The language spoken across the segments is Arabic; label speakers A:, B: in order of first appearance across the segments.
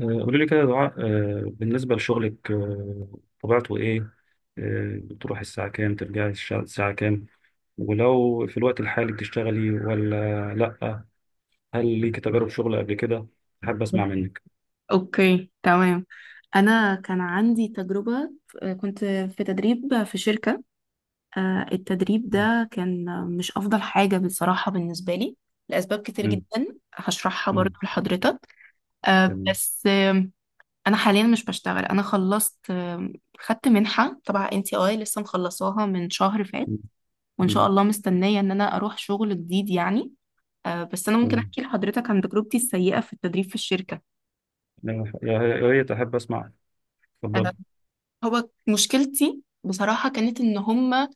A: قولي لي كده يا دعاء، بالنسبة لشغلك، طبيعته إيه؟ بتروحي الساعة كام؟ ترجعي الساعة كام؟ ولو في الوقت الحالي بتشتغلي ولا لأ؟ هل ليك تجارب شغل قبل كده؟ حابب أسمع منك.
B: اوكي تمام. انا كان عندي تجربة. كنت في تدريب في شركة. التدريب
A: مم.
B: ده كان مش افضل حاجة بصراحة بالنسبة لي لاسباب كتير
A: مم.
B: جدا هشرحها برضو
A: مم.
B: لحضرتك. آه،
A: تمام.
B: بس آم، انا حاليا مش بشتغل. انا خلصت، خدت منحة تبع NTI لسه مخلصاها من شهر فات،
A: مم.
B: وان شاء
A: مم.
B: الله مستنية ان انا اروح شغل جديد يعني. بس انا ممكن
A: تمام.
B: احكي لحضرتك عن تجربتي السيئة في التدريب في الشركة.
A: يا ريت أحب أسمع.
B: آه،
A: اتفضلي.
B: هو مشكلتي بصراحة كانت إن هما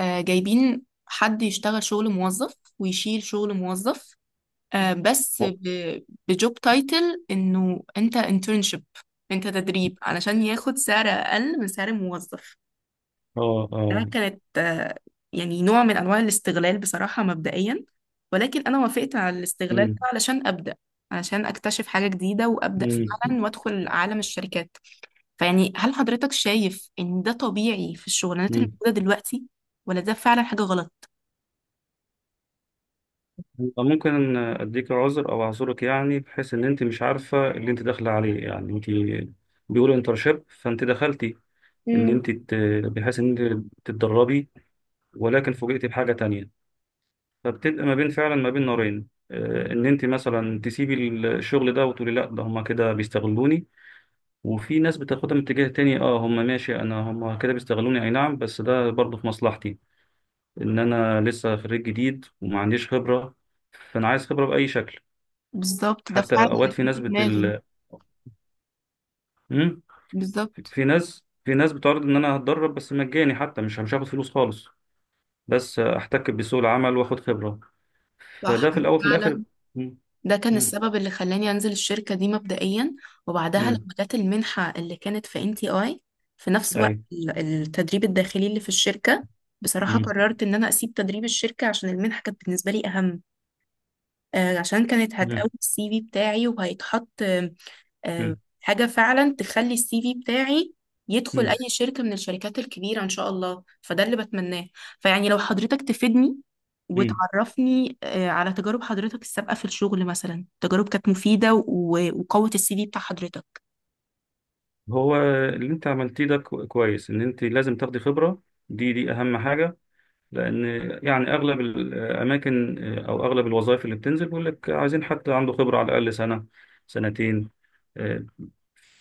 B: جايبين حد يشتغل شغل موظف ويشيل شغل موظف، بس بجوب تايتل إنه أنت انترنشيب، أنت تدريب، علشان ياخد سعر أقل من سعر الموظف.
A: آه آه.
B: ده كانت يعني نوع من أنواع الاستغلال بصراحة مبدئيا، ولكن أنا وافقت على الاستغلال
A: مم.
B: ده علشان أبدأ، علشان أكتشف حاجة جديدة وأبدأ
A: مم.
B: فعلا وأدخل عالم الشركات. فيعني هل حضرتك شايف ان ده طبيعي في الشغلانات اللي
A: مم.
B: موجودة دلوقتي، ولا ده فعلا حاجة غلط؟
A: ممكن اديك عذر او اعذرك، يعني بحيث ان انت مش عارفه اللي انت داخله عليه، يعني انت بيقولوا انترشيب فانت دخلتي ان
B: امم،
A: انت ت- بحيث ان انت تتدربي، ولكن فوجئتي بحاجه تانية، فبتبقى ما بين فعلا ما بين نارين، ان انت مثلا تسيبي الشغل ده وتقولي لا ده هما كده بيستغلوني. وفي ناس بتاخدها من اتجاه تاني، اه هما ماشي، انا هما كده بيستغلوني، اي نعم بس ده برضه في مصلحتي ان انا لسه خريج جديد وما عنديش خبره، فانا عايز خبره باي شكل.
B: بالظبط، ده
A: حتى
B: فعلا اللي
A: اوقات في
B: كان
A: ناس
B: في دماغي.
A: ال... مم؟
B: بالظبط،
A: في ناس بتعرض ان انا هتدرب بس مجاني، حتى مش هاخد فلوس خالص، بس احتك بسوق العمل واخد خبرة،
B: صح،
A: فده في
B: أنا
A: الاول وفي الاخر.
B: فعلا
A: مم.
B: ده كان
A: مم.
B: السبب اللي خلاني انزل الشركة دي مبدئيا. وبعدها
A: مم.
B: لما جت المنحة اللي كانت في NTI في نفس وقت
A: ايوه.
B: التدريب الداخلي اللي في الشركة، بصراحة
A: مم.
B: قررت ان انا اسيب تدريب الشركة عشان المنحة كانت بالنسبة لي اهم. عشان كانت
A: مم.
B: هتقوي السي في بتاعي، وهيتحط
A: مم.
B: حاجة فعلا تخلي السي في بتاعي يدخل
A: مم.
B: أي شركة من الشركات الكبيرة إن شاء الله، فده اللي بتمناه. فيعني لو حضرتك تفيدني
A: مم.
B: وتعرفني على تجارب حضرتك السابقة في الشغل، مثلا تجارب كانت مفيدة وقوت السي في بتاع حضرتك.
A: هو اللي انت عملتيه ده كويس، ان انت لازم تاخدي خبرة. دي اهم حاجة، لان يعني اغلب الاماكن او اغلب الوظائف اللي بتنزل بيقول لك عايزين حد عنده خبرة على الاقل سنة، سنتين. آه،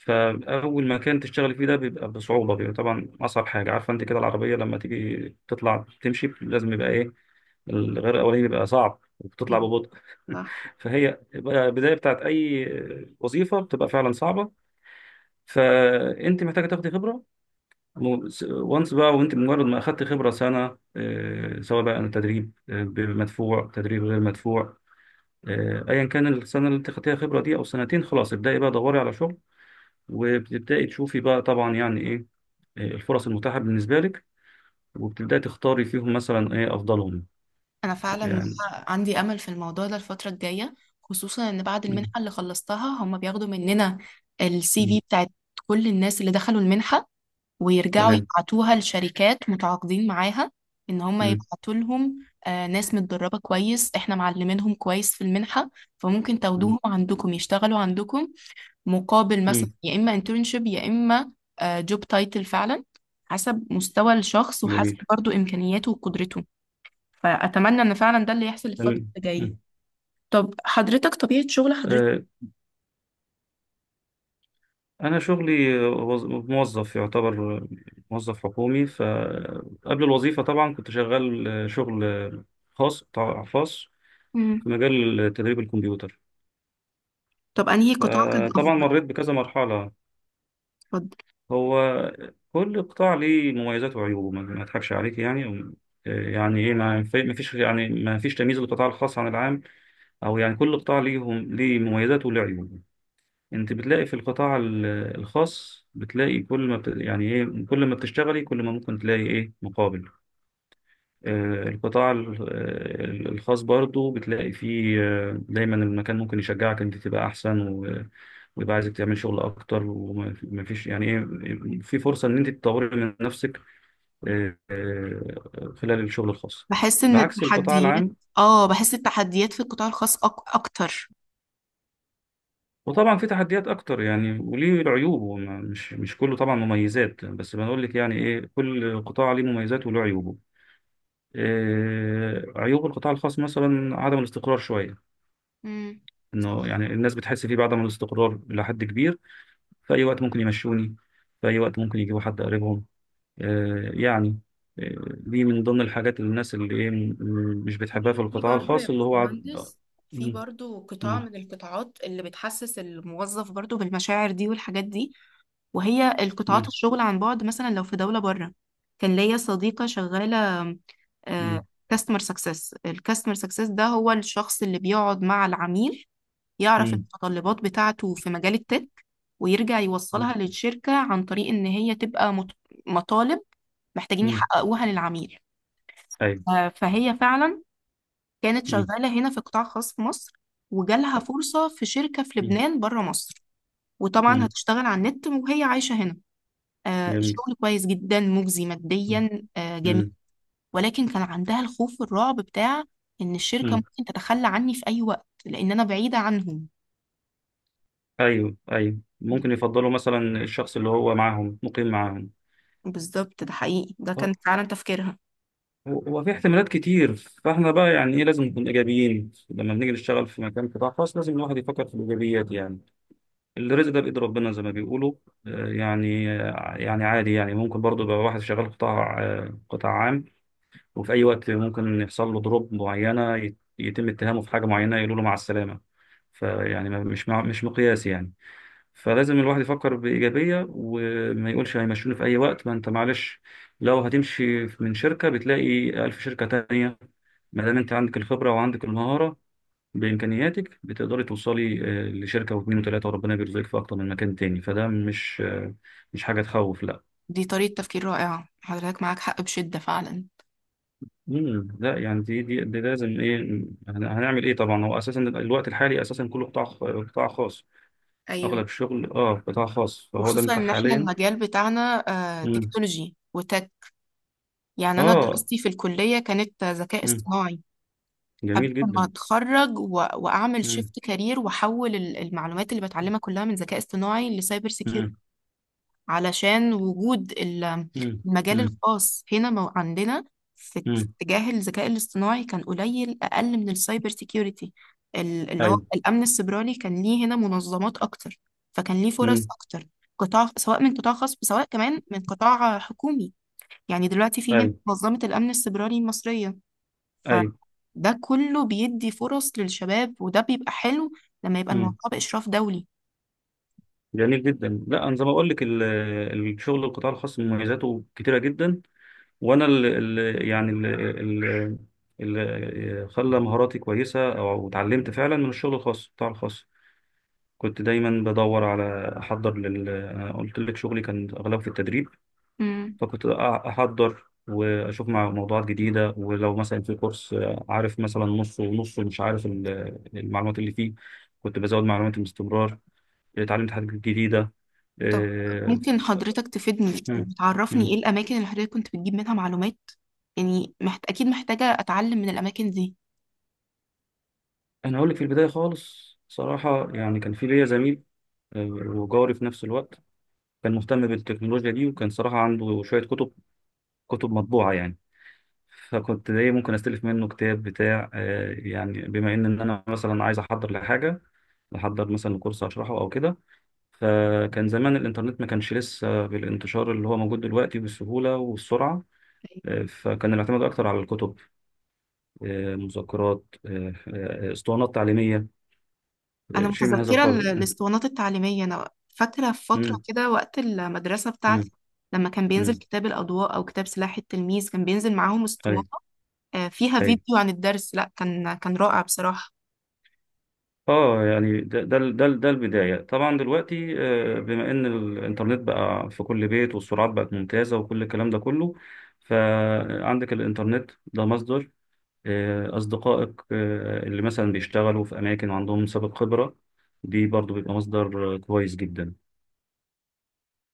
A: فأول مكان تشتغلي فيه ده بيبقى بصعوبة، بيبقى طبعا أصعب حاجة. عارفة أنت كده العربية لما تيجي تطلع تمشي لازم يبقى إيه، الغير الأولاني بيبقى صعب وبتطلع
B: أيوة،
A: ببطء.
B: صح.
A: فهي بقى البداية بتاعت أي وظيفة بتبقى فعلا صعبة، فأنت محتاجة تاخدي خبرة. وانس بقى، وأنت مجرد ما أخدت خبرة سنة، سواء بقى تدريب مدفوع تدريب غير مدفوع، أيا كان السنة اللي أنت خدتيها خبرة دي أو سنتين، خلاص ابدأي بقى دوري على شغل. وبتبدأي تشوفي بقى طبعا يعني ايه، الفرص المتاحة بالنسبة لك، وبتبدأي تختاري فيهم مثلا ايه افضلهم
B: أنا فعلا
A: يعني.
B: عندي أمل في الموضوع ده الفترة الجاية، خصوصا إن بعد المنحة
A: مم.
B: اللي خلصتها هم بياخدوا مننا السي في
A: مم.
B: بتاعت كل الناس اللي دخلوا المنحة، ويرجعوا
A: تمام.
B: يبعتوها لشركات متعاقدين معاها ان هم
A: مم.
B: يبعتوا لهم ناس متدربة كويس، احنا معلمينهم كويس في المنحة، فممكن
A: مم.
B: تاخدوهم عندكم يشتغلوا عندكم مقابل مثلا
A: مم.
B: يا اما انترنشيب يا اما جوب تايتل فعلا حسب مستوى الشخص وحسب
A: جميل.
B: برضو امكانياته وقدرته. فاتمنى ان فعلا ده اللي يحصل الفترة
A: تمام.
B: اللي جاية.
A: مم.
B: طب حضرتك طبيعة شغل حضرتك؟
A: آه، أنا شغلي، موظف يعتبر، موظف حكومي. فقبل الوظيفة طبعا كنت شغال، شغل خاص، طبعاً خاص، في
B: مم.
A: مجال تدريب الكمبيوتر.
B: طب انهي قطاع كان
A: فطبعا
B: افضل؟
A: مريت بكذا مرحلة.
B: اتفضل.
A: هو كل قطاع ليه مميزات وعيوبه، ما اضحكش عليك يعني يعني ايه، ما فيش يعني، ما فيش تمييز للقطاع الخاص عن العام، او يعني كل قطاع ليهم ليه مميزاته وليه عيوبه. انت بتلاقي في الخاص، بتلاقي كل ما يعني ايه، كل ما بتشتغلي كل ما ممكن تلاقي ايه مقابل. آه، القطاع ال- الخاص برضو بتلاقي فيه، دايما المكان ممكن يشجعك انت تبقى احسن ويبقى عايزك تعمل شغل اكتر، وما فيش يعني ايه، في فرصة ان انت تطوري من نفسك، خلال الشغل الخاص،
B: بحس ان
A: بعكس القطاع
B: التحديات،
A: العام.
B: اه، بحس التحديات في القطاع الخاص اكتر.
A: وطبعا في تحديات اكتر يعني، وليه العيوب، مش كله طبعا مميزات، بس بنقول لك يعني ايه كل قطاع ليه مميزاته وله عيوبه. عيوب القطاع الخاص مثلا عدم الاستقرار شوية،
B: امم،
A: انه
B: صح.
A: يعني الناس بتحس فيه بعدم الاستقرار الى حد كبير. في اي وقت ممكن يمشوني، في اي وقت ممكن يجيبوا حد قريبهم، آه يعني، آه، دي من ضمن الحاجات اللي الناس اللي ايه مش
B: في
A: بتحبها في القطاع
B: برضه يا
A: الخاص، اللي هو
B: باشمهندس في
A: مم.
B: برضه قطاع
A: مم.
B: من القطاعات اللي بتحسس الموظف برضه بالمشاعر دي والحاجات دي، وهي القطاعات
A: مم.
B: الشغل عن بعد مثلا لو في دولة بره. كان ليا صديقة شغالة
A: مم.
B: كاستمر سكسس. الكاستمر سكسس ده هو الشخص اللي بيقعد مع العميل يعرف
A: مم.
B: المتطلبات بتاعته في مجال التك، ويرجع يوصلها
A: مم.
B: للشركة عن طريق إن هي تبقى مطالب محتاجين
A: مم.
B: يحققوها للعميل.
A: ايوه.
B: فهي فعلا كانت
A: مم.
B: شغالة هنا في قطاع خاص في مصر، وجالها فرصة في شركة في
A: مم.
B: لبنان بره مصر، وطبعا
A: مم.
B: هتشتغل على النت وهي عايشة هنا.
A: جميل.
B: الشغل كويس جدا، مجزي
A: مم.
B: ماديا، جميل،
A: مم.
B: ولكن كان عندها الخوف والرعب بتاع إن الشركة
A: مم.
B: ممكن تتخلى عني في أي وقت لأن أنا بعيدة عنهم.
A: ايوه ايوه، ممكن يفضلوا مثلا الشخص اللي هو معاهم مقيم معاهم.
B: بالظبط، ده حقيقي، ده كان
A: أه،
B: فعلا تفكيرها.
A: هو في احتمالات كتير، فاحنا بقى يعني ايه لازم نكون ايجابيين لما بنيجي نشتغل في مكان قطاع خاص. لازم الواحد يفكر في الايجابيات، يعني الرزق ده بايد ربنا زي ما بيقولوا. يعني يعني عادي، يعني ممكن برضه يبقى واحد شغال قطاع، قطاع عام، وفي اي وقت ممكن يحصل له ضروب معينه، يتم اتهامه في حاجه معينه، يقولوا له مع السلامه. فيعني مش مقياس يعني. فلازم الواحد يفكر بإيجابية، وما يقولش هيمشوني في أي وقت، ما أنت معلش، لو هتمشي من شركة بتلاقي ألف شركة تانية، ما دام أنت عندك الخبرة وعندك المهارة بإمكانياتك بتقدري توصلي لشركة واتنين وتلاتة، وربنا بيرزقك في أكتر من مكان تاني. فده مش مش حاجة تخوف، لا.
B: دي طريقة تفكير رائعة، حضرتك معاك حق بشدة فعلا.
A: مم. لا يعني دي لازم إيه، هنعمل إيه. طبعا هو أساسا الوقت الحالي أساسا كله قطاع خاص.
B: أيوة.
A: أغلب الشغل أه قطاع خاص، فهو ده
B: وخصوصا
A: متاح
B: إن إحنا
A: حاليا.
B: المجال بتاعنا
A: مم.
B: تكنولوجي وتك، يعني أنا
A: أه،
B: دراستي في الكلية كانت ذكاء اصطناعي قبل
A: جميل
B: ما
A: جدا.
B: أتخرج، وأعمل
A: مم.
B: شيفت كارير وأحول المعلومات اللي بتعلمها كلها من ذكاء اصطناعي لسايبر سيكيورتي،
A: مم.
B: علشان وجود
A: مم.
B: المجال
A: مم.
B: الخاص هنا عندنا في
A: مم.
B: اتجاه الذكاء الاصطناعي كان قليل، أقل من السايبر سيكيورتي. اللي هو
A: ايوه.
B: الأمن السيبراني كان ليه هنا منظمات أكتر، فكان ليه فرص
A: مم.
B: أكتر، قطاع سواء من قطاع خاص سواء كمان من قطاع حكومي. يعني دلوقتي في هنا
A: ايوه
B: منظمة الأمن السيبراني المصرية،
A: ايوه.
B: فده كله بيدي فرص للشباب، وده بيبقى حلو لما يبقى
A: مم.
B: الموضوع بإشراف
A: جميل جدا. لا انا زي ما اقول لك الشغل القطاع الخاص مميزاته كتيره جدا. وانا ال يعني ال اللي خلى مهاراتي كويسه، او اتعلمت فعلا من الشغل الخاص القطاع الخاص. كنت دايما بدور على احضر لل، انا قلت لك شغلي كان اغلبه في التدريب.
B: دولي.
A: فكنت أحضر وأشوف مع موضوعات جديدة. ولو مثلا في كورس، عارف مثلا نصه ونصه مش عارف المعلومات اللي فيه، كنت بزود معلوماتي باستمرار، اتعلمت حاجات جديدة.
B: طب
A: آه،
B: ممكن
A: ف-
B: حضرتك تفيدني
A: مم.
B: وتعرفني
A: مم.
B: ايه الاماكن اللي حضرتك كنت بتجيب منها معلومات؟ يعني اكيد محتاجة اتعلم من الاماكن دي.
A: أنا أقول لك في البداية خالص صراحة يعني، كان في ليا زميل وجاري في نفس الوقت، كان مهتم بالتكنولوجيا دي، وكان صراحة عنده شوية كتب، كتب مطبوعة يعني. فكنت ايه ممكن استلف منه كتاب بتاع، يعني بما ان إن انا مثلا عايز احضر لحاجه، احضر مثلا كورس هشرحه او كده. فكان زمان الانترنت ما كانش لسه بالانتشار اللي هو موجود دلوقتي بالسهوله والسرعه. فكان الاعتماد اكتر على الكتب، مذكرات، اسطوانات تعليميه،
B: انا
A: شيء من هذا
B: متذكرة
A: القبيل.
B: الاسطوانات التعليمية، انا فاكرة في فترة
A: م-
B: كده وقت المدرسة
A: م-
B: بتاعتي لما كان بينزل
A: م.
B: كتاب الاضواء او كتاب سلاح التلميذ كان بينزل معاهم اسطوانة
A: ايوه
B: فيها
A: ايوه،
B: فيديو عن الدرس، لا كان رائع بصراحة.
A: اه يعني ده البدايه طبعا. دلوقتي بما ان الانترنت بقى في كل بيت والسرعات بقت ممتازه وكل الكلام ده كله، فعندك الانترنت ده مصدر، اصدقائك اللي مثلا بيشتغلوا في اماكن وعندهم سابق خبره، دي برضو بيبقى مصدر كويس جدا.